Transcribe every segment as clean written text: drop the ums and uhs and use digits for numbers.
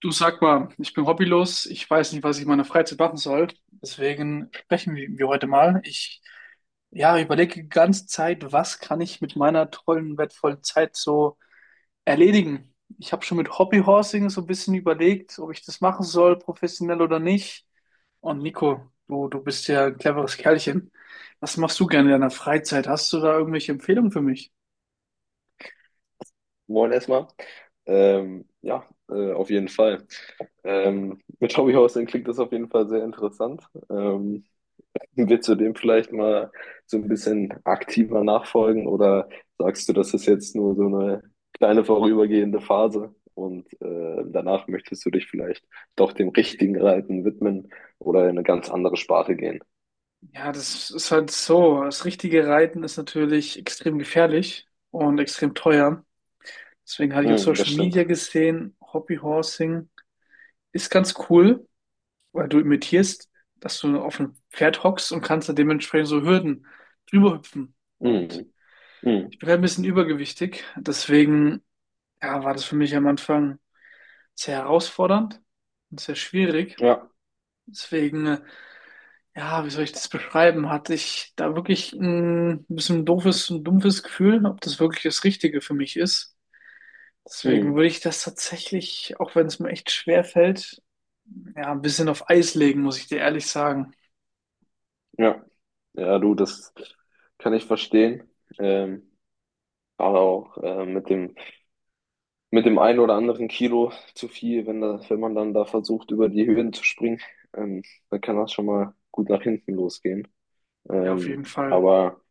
Du, sag mal, ich bin hobbylos, ich weiß nicht, was ich in meiner Freizeit machen soll. Deswegen sprechen wir heute mal. Ich Ja, überlege die ganze Zeit, was kann ich mit meiner tollen, wertvollen Zeit so erledigen. Ich habe schon mit Hobbyhorsing so ein bisschen überlegt, ob ich das machen soll, professionell oder nicht. Und Nico, du bist ja ein cleveres Kerlchen. Was machst du gerne in deiner Freizeit? Hast du da irgendwelche Empfehlungen für mich? Moin erstmal. Ja, auf jeden Fall. Mit Hobbyhousing klingt das auf jeden Fall sehr interessant. Ähm, willst du dem vielleicht mal so ein bisschen aktiver nachfolgen oder sagst du, das ist jetzt nur so eine kleine vorübergehende Phase und danach möchtest du dich vielleicht doch dem richtigen Reiten widmen oder in eine ganz andere Sparte gehen? Ja, das ist halt so. Das richtige Reiten ist natürlich extrem gefährlich und extrem teuer. Deswegen hatte ich auf Mm, das Social Media stimmt. gesehen, Hobbyhorsing ist ganz cool, weil du imitierst, dass du auf einem Pferd hockst und kannst da dementsprechend so Hürden drüber hüpfen. Und Mm, mm, ich bin halt ein bisschen übergewichtig, deswegen ja, war das für mich am Anfang sehr herausfordernd und sehr schwierig. ja. Deswegen, ja, wie soll ich das beschreiben? Hatte ich da wirklich ein bisschen doofes und dumpfes Gefühl, ob das wirklich das Richtige für mich ist. Deswegen Mm. würde ich das tatsächlich, auch wenn es mir echt schwer fällt, ja, ein bisschen auf Eis legen, muss ich dir ehrlich sagen. Ja, ja, du, das kann ich verstehen. Ähm, gerade auch mit dem einen oder anderen Kilo zu viel, wenn man dann da versucht, über die Höhen zu springen, ähm, dann kann das schon mal gut nach hinten losgehen. Ja, auf jeden Fall. Aber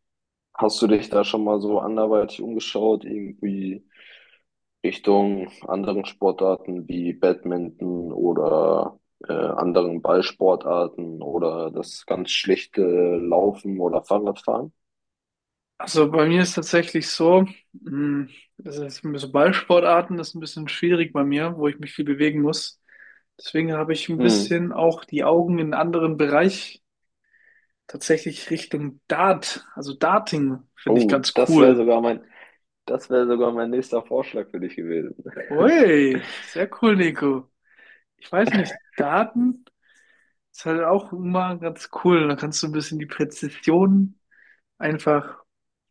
hast du dich da schon mal so anderweitig umgeschaut, irgendwie Richtung anderen Sportarten wie Badminton oder anderen Ballsportarten oder das ganz schlichte Laufen oder Fahrradfahren? Also bei mir ist tatsächlich so, mh, das ist so Ballsportarten, das ist ein bisschen schwierig bei mir, wo ich mich viel bewegen muss. Deswegen habe ich ein Hm. bisschen auch die Augen in einen anderen Bereich, tatsächlich Richtung Dart, also Darting finde ich Oh, ganz das wäre cool. sogar mein, das wäre sogar mein nächster Vorschlag für dich gewesen. Ui, sehr cool, Nico. Ich weiß nicht, Daten ist halt auch immer ganz cool. Da kannst du ein bisschen die Präzision einfach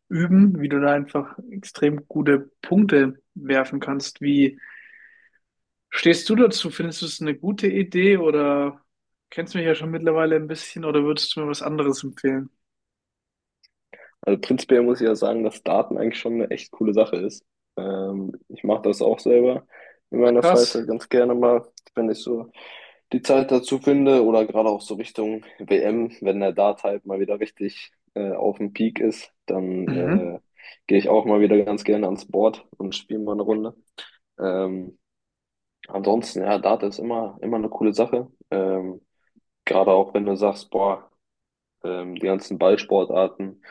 üben, wie du da einfach extrem gute Punkte werfen kannst. Wie stehst du dazu? Findest du es eine gute Idee oder kennst mich ja schon mittlerweile ein bisschen oder würdest du mir was anderes empfehlen? Also prinzipiell muss ich ja sagen, dass Daten eigentlich schon eine echt coole Sache ist. Ich mache das auch selber in meiner Krass. Freizeit ganz gerne mal, wenn ich so die Zeit dazu finde oder gerade auch so Richtung WM, wenn der Dart halt mal wieder richtig auf dem Peak ist, dann Mhm. Gehe ich auch mal wieder ganz gerne ans Board und spiele mal eine Runde. Ähm, ansonsten, ja, Dart ist immer, immer eine coole Sache. Gerade auch wenn du sagst, boah, die ganzen Ballsportarten,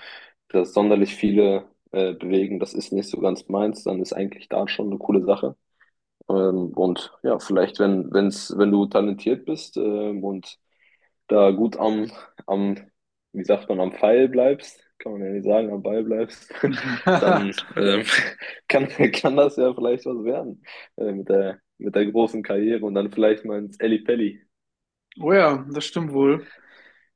dass sonderlich viele bewegen, das ist nicht so ganz meins, dann ist eigentlich da schon eine coole Sache. Und ja, vielleicht, wenn du talentiert bist und da gut am, wie sagt man, am Pfeil bleibst, kann man ja nicht sagen, am Ball bleibst, dann kann das ja vielleicht was werden mit der großen Karriere und dann vielleicht mal ins Ellipelli. Oh ja, das stimmt wohl.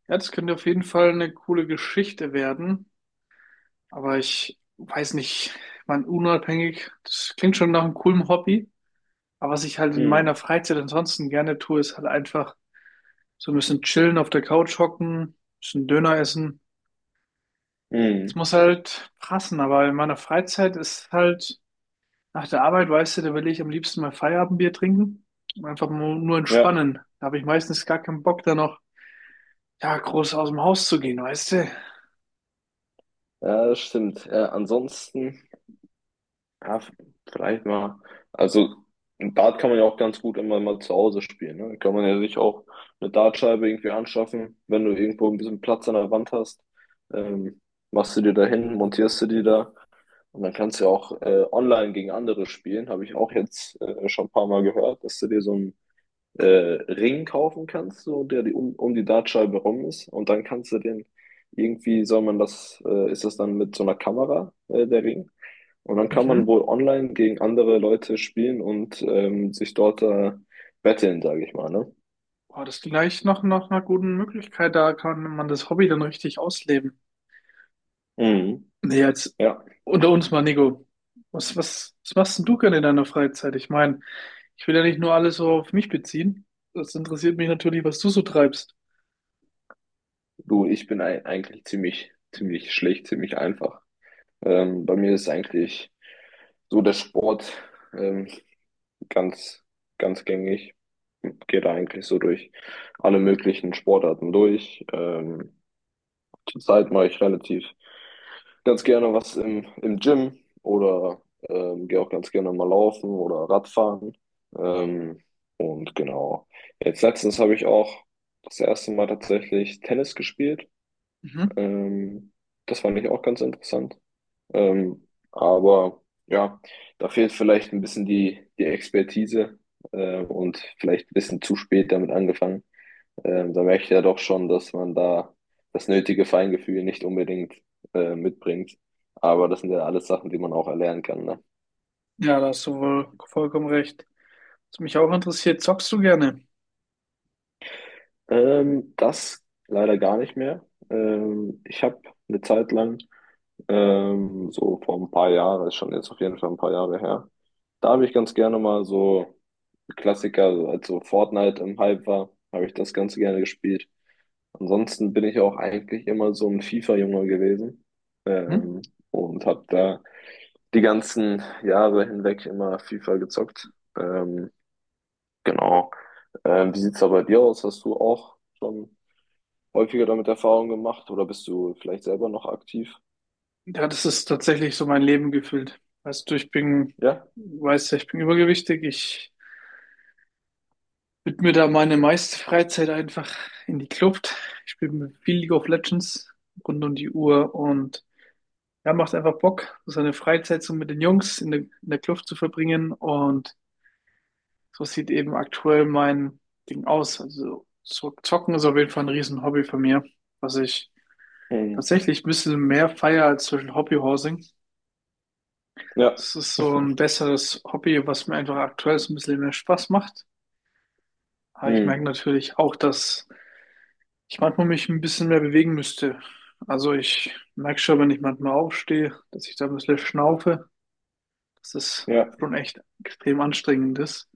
Ja, das könnte auf jeden Fall eine coole Geschichte werden, aber ich weiß nicht, man unabhängig, das klingt schon nach einem coolen Hobby, aber was ich halt in Mhm. meiner Freizeit ansonsten gerne tue, ist halt einfach so ein bisschen chillen, auf der Couch hocken, ein bisschen Döner essen. Es Mhm. muss halt passen, aber in meiner Freizeit ist halt, nach der Arbeit, weißt du, da will ich am liebsten mal Feierabendbier trinken und einfach nur Ja. entspannen. Da habe ich meistens gar keinen Bock, da noch, ja, groß aus dem Haus zu gehen, weißt du. Ja, das stimmt. Ansonsten, ja, vielleicht mal. Also, Dart kann man ja auch ganz gut immer mal zu Hause spielen. Ne? Kann man ja sich auch eine Dartscheibe irgendwie anschaffen, wenn du irgendwo ein bisschen Platz an der Wand hast. Ähm, machst du dir da hin, montierst du die da. Und dann kannst du ja auch online gegen andere spielen. Habe ich auch jetzt schon ein paar Mal gehört, dass du dir so ein äh, Ring kaufen kannst, so der die um die Dartscheibe rum ist. Und dann kannst du den irgendwie, soll man das, ist das dann mit so einer Kamera, der Ring. Und dann kann man Mhm. wohl online gegen andere Leute spielen und sich dort betteln, sage ich mal, ne? Boah, das ist gleich noch nach einer guten Möglichkeit, da kann man das Hobby dann richtig ausleben. Mhm. Nee, jetzt Ja, das, unter uns mal, Nico. Was machst denn du gerne in deiner Freizeit? Ich meine, ich will ja nicht nur alles so auf mich beziehen. Das interessiert mich natürlich, was du so treibst. du, ich bin eigentlich ziemlich schlecht, ziemlich einfach. Bei mir ist eigentlich so der Sport. Ähm, ganz, ganz gängig. Gehe da eigentlich so durch alle möglichen Sportarten durch. Zurzeit mache ich relativ ganz gerne was im Gym oder gehe auch ganz gerne mal laufen oder Radfahren. Ähm, und genau. Jetzt letztens habe ich auch das erste Mal tatsächlich Tennis gespielt. Mhm. Ähm, das fand ich auch ganz interessant. Aber ja, da fehlt vielleicht ein bisschen die Expertise und vielleicht ein bisschen zu spät damit angefangen. Da merke ich ja doch schon, dass man da das nötige Feingefühl nicht unbedingt mitbringt. Aber das sind ja alles Sachen, die man auch erlernen kann. Ne? Ja, da hast du wohl vollkommen recht. Was mich auch interessiert, zockst du gerne? Das leider gar nicht mehr. Ich habe eine Zeit lang, so vor ein paar Jahren, ist schon jetzt auf jeden Fall ein paar Jahre her, da habe ich ganz gerne mal so Klassiker, also als so Fortnite im Hype war, habe ich das Ganze gerne gespielt. Ansonsten bin ich auch eigentlich immer so ein FIFA-Junge gewesen Mhm. ähm, und habe da die ganzen Jahre hinweg immer FIFA gezockt. Genau. Wie sieht's da bei dir aus? Hast du auch schon häufiger damit Erfahrung gemacht oder bist du vielleicht selber noch aktiv? Ja, das ist tatsächlich so mein Leben gefüllt. Weißt du, ich bin, Ja. weißt ja, ich bin übergewichtig. Ich widme da meine meiste Freizeit einfach in die Kluft. Ich spiele viel League of Legends rund um die Uhr und ja, macht einfach Bock, so seine Freizeit so mit den Jungs in der Kluft zu verbringen. Und so sieht eben aktuell mein Ding aus. Also so zocken ist auf jeden Fall ein riesen Hobby von mir, was ich Hm. tatsächlich ein bisschen mehr feiere als zum Beispiel Hobbyhousing. Ja. Das ist so ein besseres Hobby, was mir einfach aktuell so ein bisschen mehr Spaß macht. Aber ich merke Hm. natürlich auch, dass ich manchmal mich ein bisschen mehr bewegen müsste. Also ich merke schon, wenn ich manchmal aufstehe, dass ich da ein bisschen schnaufe. Das ist Ja. schon echt extrem anstrengendes.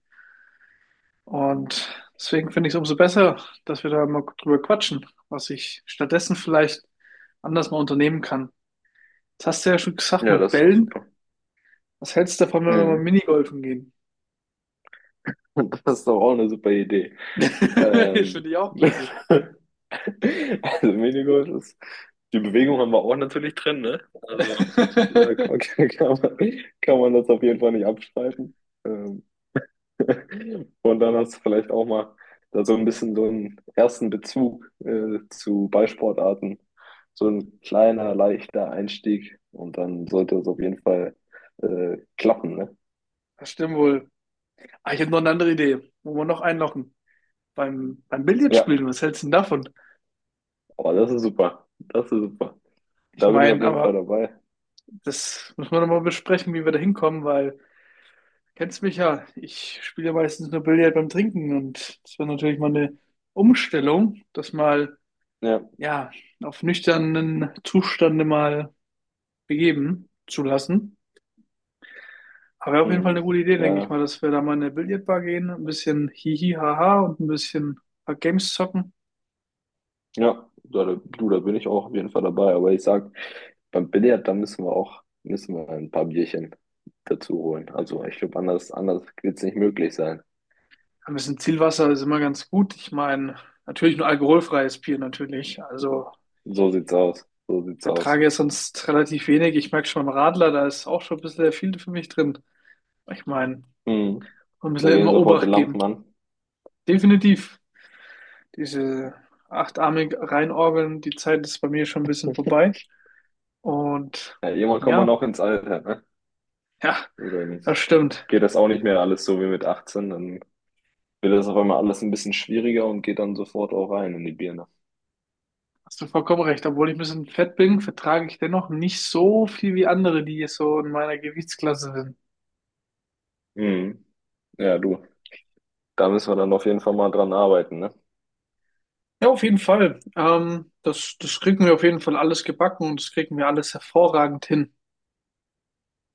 Und deswegen finde ich es umso besser, dass wir da mal drüber quatschen, was ich stattdessen vielleicht anders mal unternehmen kann. Das hast du ja schon gesagt Ja, mit das ist doch Bällen. super. Was hältst du davon, wenn wir mal Mhm. Minigolfen gehen? Das ist doch auch eine super Idee. Ähm, Finde ich auch klasse. Also Minigolf ist, die Bewegung haben wir auch natürlich drin, ne? Also da kann, kann kann man, kann man das auf jeden Fall nicht abstreiten. Ähm, und dann hast du vielleicht auch mal da so ein bisschen so einen ersten Bezug zu Ballsportarten. So ein kleiner, leichter Einstieg und dann sollte es auf jeden Fall klappen, ne? Das stimmt wohl. Ah, ich habe noch eine andere Idee, wo wir noch einlochen. Beim Billard Ja, spielen, was hältst du denn davon? aber das ist super. Das ist super. Ich Da bin ich auf meine, jeden Fall aber dabei. das müssen wir nochmal besprechen, wie wir da hinkommen, weil kennst mich ja, ich spiele ja meistens nur Billard beim Trinken und das war natürlich mal eine Umstellung, das mal, Ja. ja, auf nüchternen Zustande mal begeben zu lassen. Aber wäre auf jeden Fall Hm. eine gute Idee, denke ich Ja, mal, dass wir da mal in eine Billardbar gehen, ein bisschen hihi haha und ein bisschen ein paar Games zocken. ja, da, du, da bin ich auch auf jeden Fall dabei. Aber ich sag, beim Billard, da müssen wir ein paar Bierchen dazu holen. Also ich glaube, anders wird es nicht möglich sein. Ja, ein bisschen Zielwasser ist immer ganz gut. Ich meine, natürlich nur alkoholfreies Bier natürlich. Also So sieht's aus. So ich sieht's aus. vertrage ja sonst relativ wenig. Ich merke schon beim Radler, da ist auch schon ein bisschen der viel für mich drin. Ich meine, Mhm. man muss Da ja gehen immer sofort die Obacht geben. Lampen an. Definitiv. Diese achtarmig reinorgeln, die Zeit ist bei mir schon ein bisschen vorbei. Und Ja, irgendwann kommt man ja, auch ins Alter, ne? ja, Oder das stimmt. geht das auch nicht mehr alles so wie mit 18, dann wird das auf einmal alles ein bisschen schwieriger und geht dann sofort auch rein in die Birne. Hast du vollkommen recht. Obwohl ich ein bisschen fett bin, vertrage ich dennoch nicht so viel wie andere, die jetzt so in meiner Gewichtsklasse sind. Mhm. Ja, du, da müssen wir dann auf jeden Fall mal dran arbeiten, ne? Ja, auf jeden Fall. Das kriegen wir auf jeden Fall alles gebacken und das kriegen wir alles hervorragend hin.